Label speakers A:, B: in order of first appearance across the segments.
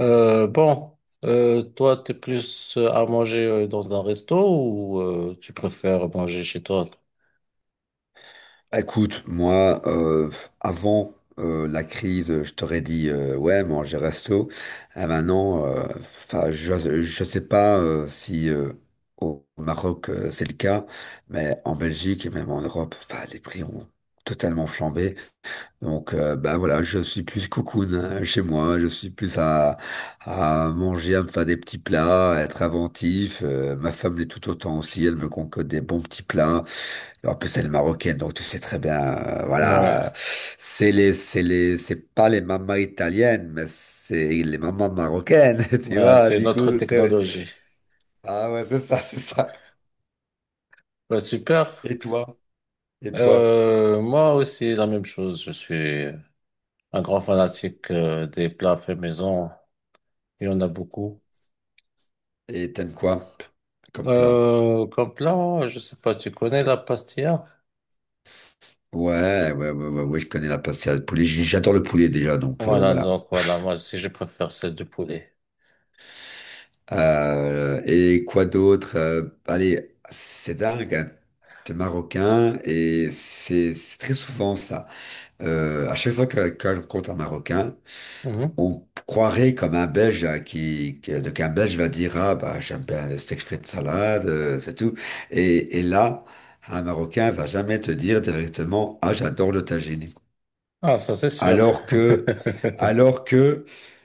A: Euh, bon, toi, t'es plus à manger dans un resto ou tu préfères manger chez toi?
B: Écoute, moi, avant la crise, je t'aurais dit, ouais, manger resto. Et maintenant, je sais pas si au Maroc, c'est le cas, mais en Belgique et même en Europe, enfin, les prix ont totalement flambé. Donc, bah voilà, je suis plus cocoon hein, chez moi. Je suis plus à manger, à me faire des petits plats, à être inventif. Ma femme l'est tout autant aussi. Elle me concocte des bons petits plats. En plus, elle est marocaine, donc tu sais très bien,
A: Ouais.
B: voilà, c'est les, c'est les, c'est pas les mamans italiennes, mais c'est les mamans marocaines, tu
A: Ouais,
B: vois,
A: c'est
B: du
A: notre
B: coup,
A: technologie.
B: ah ouais, c'est ça, c'est ça.
A: Bah, super.
B: Et toi, et toi,
A: Moi aussi, la même chose. Je suis un grand fanatique des plats faits maison. Il y en a beaucoup.
B: et t'aimes quoi comme plat?
A: Comme plat, je sais pas, tu connais la pastilla?
B: Ouais, ouais, ouais, ouais, ouais, je connais la pastilla de poulet, j'adore le poulet déjà, donc
A: Voilà,
B: voilà.
A: donc voilà, moi aussi, je préfère celle de poulet.
B: Et quoi d'autre? Allez, c'est dingue, hein. T'es marocain et c'est très souvent ça. À chaque fois que je rencontre un Marocain,
A: Mhm.
B: on croirait comme un Belge hein, donc un Belge va dire ah bah j'aime bien le steak frites salade, c'est tout. Et là, un Marocain va jamais te dire directement ah j'adore le tagine.
A: Ah, ça c'est sûr.
B: Alors que, alors que,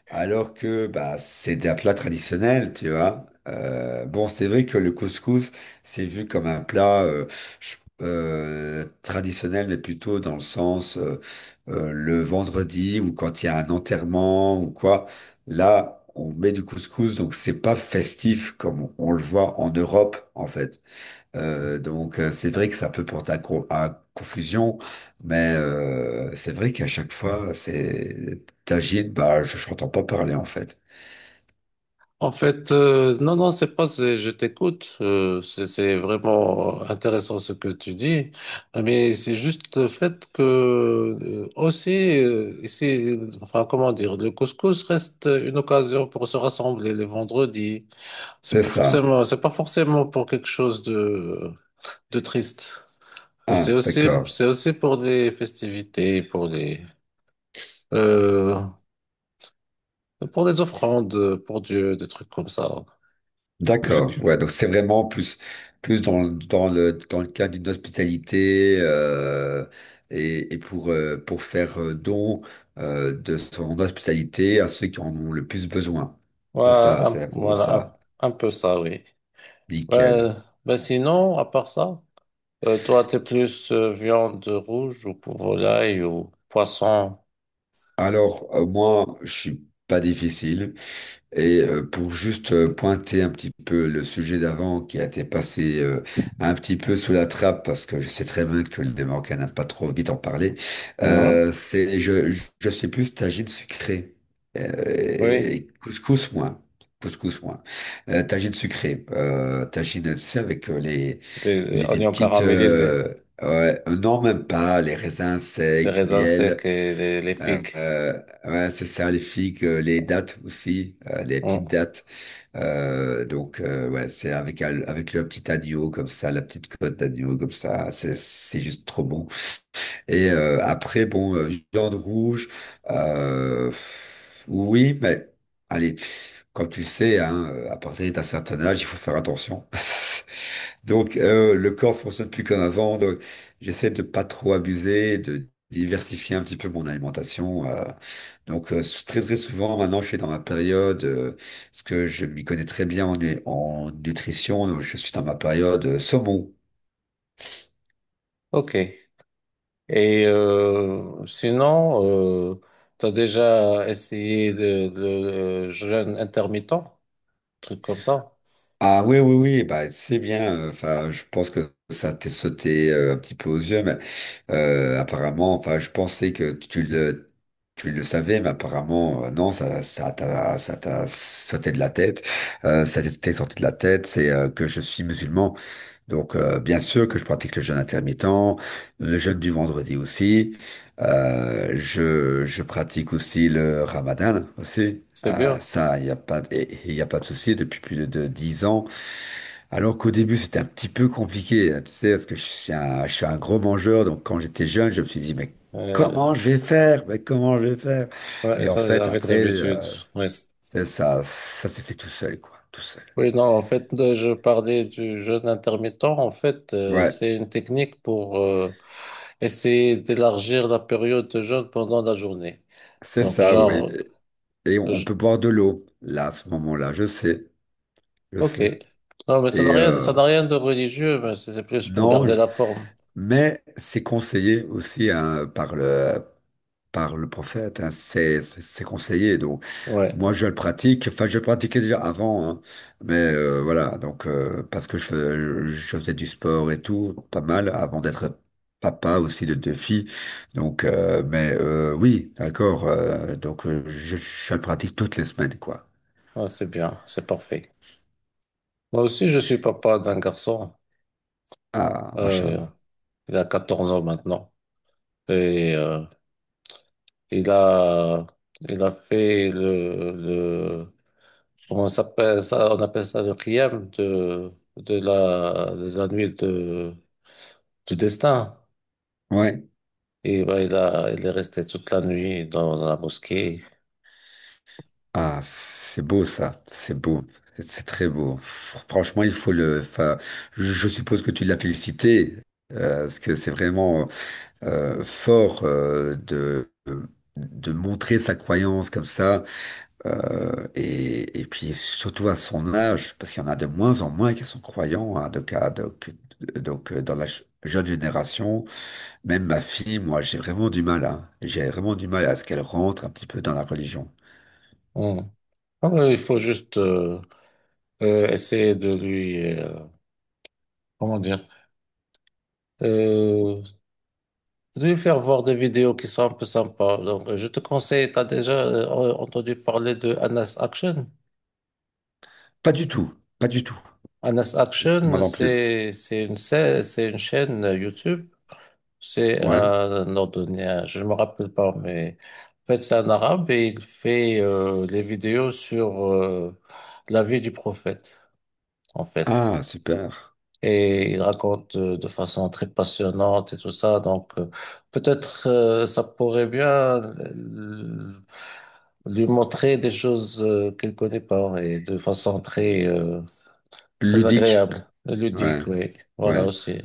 B: alors que, bah, c'est un plat traditionnel, tu vois. Bon, c'est vrai que le couscous, c'est vu comme un plat je- traditionnel, mais plutôt dans le sens le vendredi ou quand il y a un enterrement ou quoi. Là, on met du couscous, donc c'est pas festif comme on le voit en Europe, en fait. Donc, c'est vrai que ça peut porter à, à confusion, mais c'est vrai qu'à chaque fois, c'est Tajid, bah je n'entends pas parler en fait.
A: En fait, non, c'est pas, c'est, je t'écoute. C'est c'est vraiment intéressant ce que tu dis, mais c'est juste le fait que aussi, ici, enfin, comment dire, le couscous reste une occasion pour se rassembler les vendredis. C'est
B: C'est
A: pas
B: ça.
A: forcément, c'est pas forcément pour quelque chose de triste. C'est
B: Ah,
A: aussi,
B: d'accord.
A: c'est aussi pour des festivités, Euh, pour des offrandes pour Dieu, des trucs comme ça.
B: D'accord. Ouais, donc c'est vraiment plus dans le cadre d'une hospitalité et pour faire don de son hospitalité à ceux qui en ont le plus besoin.
A: Ouais,
B: C'est ça, c'est vraiment
A: voilà,
B: ça.
A: un peu ça, oui. Ouais,
B: Nickel.
A: ben sinon, à part ça, toi, t'es plus viande rouge ou pour volaille ou poisson.
B: Alors, moi, je suis pas difficile. Et pour juste pointer un petit peu le sujet d'avant qui a été passé un petit peu sous la trappe, parce que je sais très bien que les Marocains n'aiment pas trop vite en parler,
A: Mhm.
B: euh, c'est, je, je sais plus tagine sucrée.
A: Oui,
B: Couscous moins. Couscous moins. Tagine sucrée. Tagine, tu sais, avec
A: les
B: les
A: oignons
B: petites...
A: caramélisés,
B: ouais, non, même pas. Les raisins
A: les
B: secs,
A: raisins
B: miel.
A: secs et les
B: Euh,
A: figues.
B: euh, ouais, c'est ça, les figues, les dattes aussi, les petites
A: Mhm.
B: dattes. Donc, ouais, c'est avec, avec le petit agneau comme ça, la petite côte d'agneau comme ça, c'est juste trop bon. Et après, bon, viande rouge, euh, oui, mais allez, comme tu sais, hein, à partir d'un certain âge, il faut faire attention. Donc, le corps fonctionne plus comme avant. Donc, j'essaie de pas trop abuser, de diversifier un petit peu mon alimentation. Très très souvent, maintenant, je suis dans ma période, parce que je m'y connais très bien en, en nutrition. Donc, je suis dans ma période saumon.
A: Ok. Et sinon, euh, t'as déjà essayé le jeûne intermittent, truc comme ça.
B: Ah oui, oui, oui, bah, c'est bien. Enfin, je pense que ça t'est sauté un petit peu aux yeux, mais enfin, je pensais que tu le savais, mais apparemment, non, ça t'a sauté de la tête. Ça t'est sorti de la tête, c'est que je suis musulman. Donc, bien sûr que je pratique le jeûne intermittent, le jeûne du vendredi aussi. Je pratique aussi le ramadan aussi.
A: C'est bien.
B: Ça, il y a pas de souci depuis plus de, 10 ans. Alors qu'au début, c'était un petit peu compliqué, hein, tu sais, parce que je suis un gros mangeur, donc quand j'étais jeune, je me suis dit, mais
A: Euh,
B: comment je vais faire? Mais comment je vais faire?
A: ouais,
B: Et en
A: ça,
B: fait,
A: avec
B: après,
A: l'habitude. Ouais.
B: c'est ça, ça s'est fait tout seul, quoi, tout seul.
A: Oui, non, en fait, je parlais du jeûne intermittent. En fait,
B: Ouais,
A: c'est une technique pour essayer d'élargir la période de jeûne pendant la journée.
B: c'est
A: Donc,
B: ça, oui.
A: genre,
B: Et on
A: je-
B: peut boire de l'eau, là, à ce moment-là, je
A: ok.
B: sais.
A: Non, mais ça n'a
B: Et
A: rien, ça n'a rien de religieux, mais c'est plus pour
B: non,
A: garder
B: je-
A: la forme.
B: mais c'est conseillé aussi hein, par le prophète, hein, c'est conseillé. Donc,
A: Ouais.
B: moi, je le pratique. Enfin, je le pratiquais déjà avant, hein, mais voilà. Donc, parce que je faisais du sport et tout, pas mal, avant d'être papa aussi de 2 filles. Donc, mais oui, d'accord. Donc, je le pratique toutes les semaines, quoi.
A: Ouais, c'est bien, c'est parfait. Moi aussi, je suis papa d'un garçon.
B: Ah,
A: Euh,
B: machallah.
A: il a 14 ans maintenant. Et Il a, il a fait le, comment ça s'appelle ça? On appelle ça le Qiyam de la nuit de, du destin.
B: Ouais.
A: Et ben, il est resté toute la nuit dans la mosquée.
B: Ah, c'est beau ça. C'est beau. C'est très beau. Franchement, il faut le. Enfin, je suppose que tu l'as félicité. Parce que c'est vraiment fort de montrer sa croyance comme ça, et puis surtout à son âge, parce qu'il y en a de moins en moins qui sont croyants, hein, donc, dans la jeune génération, même ma fille, moi j'ai vraiment du mal, hein. J'ai vraiment du mal à ce qu'elle rentre un petit peu dans la religion.
A: Hmm. Ah ouais, il faut juste essayer de lui, comment dire, euh, de lui faire voir des vidéos qui sont un peu sympas. Donc, je te conseille, tu as déjà entendu parler de Anas Action?
B: Pas du tout, pas du tout,
A: Honest
B: il
A: Action,
B: m'en plus.
A: c'est une c'est une chaîne YouTube. C'est
B: Ouais.
A: un Nordonien, je ne me rappelle pas, mais en fait c'est un arabe et il fait les vidéos sur la vie du prophète, en fait.
B: Ah, super.
A: Et il raconte de façon très passionnante et tout ça. Donc peut-être ça pourrait bien euh, lui montrer des choses qu'elle connaît pas et de façon très très
B: Ludique.
A: agréable, ludique,
B: Ouais,
A: oui. Voilà
B: ouais.
A: aussi.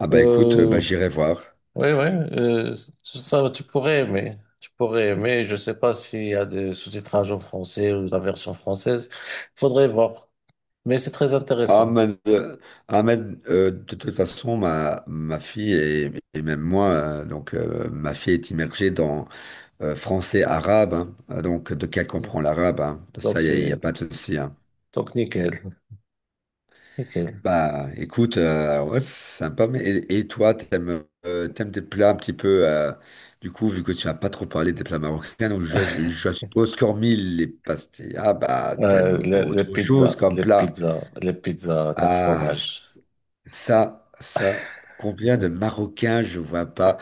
B: Ah bah écoute, bah
A: Euh,
B: j'irai voir.
A: oui, oui, euh, ça, tu pourrais aimer. Tu pourrais aimer. Je sais pas s'il y a des sous-titrages en français ou la version française. Faudrait voir. Mais c'est très intéressant.
B: Ahmed, euh, Ahmed, de toute façon, ma fille et même moi, ma fille est immergée dans français arabe, hein. Donc de qu'elle comprend l'arabe, hein. De
A: Donc,
B: ça,
A: c'est,
B: y a pas de souci. Hein.
A: donc, nickel. Nickel.
B: Bah, écoute, ouais, c'est sympa. Mais et toi, t'aimes des plats un petit peu, du coup, vu que tu n'as pas trop parlé des plats marocains, donc je suppose qu'hormis les pastilles, ah bah, t'aimes autre chose comme plat.
A: Les pizzas à quatre
B: Ah,
A: fromages.
B: c- ça, combien de Marocains je vois pas.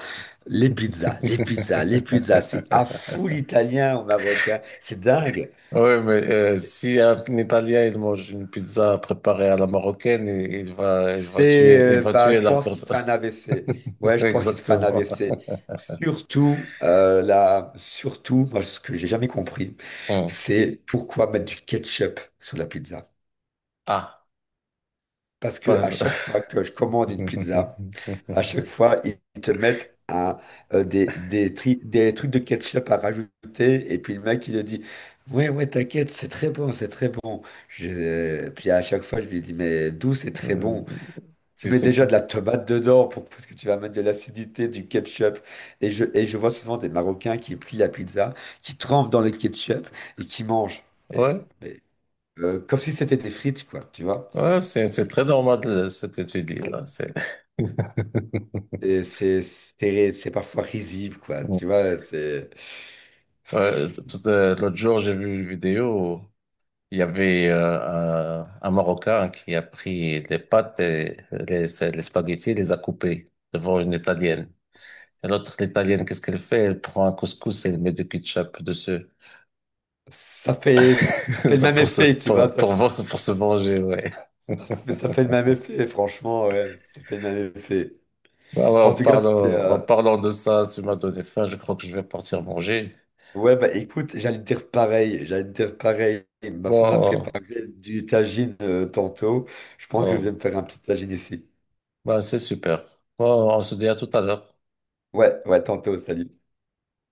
B: Les pizzas, c'est à fou l'italien au Marocain, c'est dingue.
A: Oui, mais si un Italien il mange une pizza préparée à la marocaine,
B: C'est,
A: il va
B: bah,
A: tuer
B: je
A: la
B: pense qu'il fait
A: personne.
B: un AVC. Ouais, je pense qu'il se fait un
A: Exactement.
B: AVC. Surtout, surtout, moi, ce que j'ai jamais compris,
A: Oh.
B: c'est pourquoi mettre du ketchup sur la pizza.
A: Ah,
B: Parce que à
A: pas...
B: chaque fois que je commande une pizza, à chaque fois, ils te mettent un, des, tri- des trucs de ketchup à rajouter. Et puis le mec, il te dit, ouais, ouais, t'inquiète, c'est très bon, c'est très bon. Puis à chaque fois, je lui dis, mais d'où c'est très bon? Tu
A: si
B: mets
A: c'est
B: déjà
A: très
B: de la tomate dedans pour... parce que tu vas mettre de l'acidité, du ketchup. Et je vois souvent des Marocains qui plient la pizza, qui trempent dans le ketchup et qui mangent. Et-
A: ouais,
B: et, Comme si c'était des frites, quoi, tu vois.
A: ouais, c'est très normal ce que tu dis là. C'est...
B: Et c'est parfois risible, quoi. Tu vois, c'est.
A: Ouais, tout, l'autre jour, j'ai vu une vidéo. Il y avait un Marocain qui a pris les pâtes et les spaghettis et les a coupés devant une Italienne. Et l'autre, l'Italienne, qu'est-ce qu'elle fait? Elle prend un couscous et elle met du ketchup dessus.
B: Ça fait le
A: Ça
B: même effet, tu vois.
A: pour se manger, ouais.
B: Ça fait le même effet, franchement, ouais. Ça fait le même effet.
A: Ah ouais,
B: En tout cas, c'était.
A: en parlant de ça, tu m'as donné faim, je crois que je vais partir manger.
B: Ouais, bah écoute, j'allais te dire pareil. J'allais te dire pareil. Ma femme a
A: Bon,
B: préparé du tagine tantôt. Je pense que je vais
A: oh,
B: me faire un petit tagine ici.
A: bah c'est super. Bon, on se dit à tout à l'heure.
B: Ouais, ouais, tantôt, salut.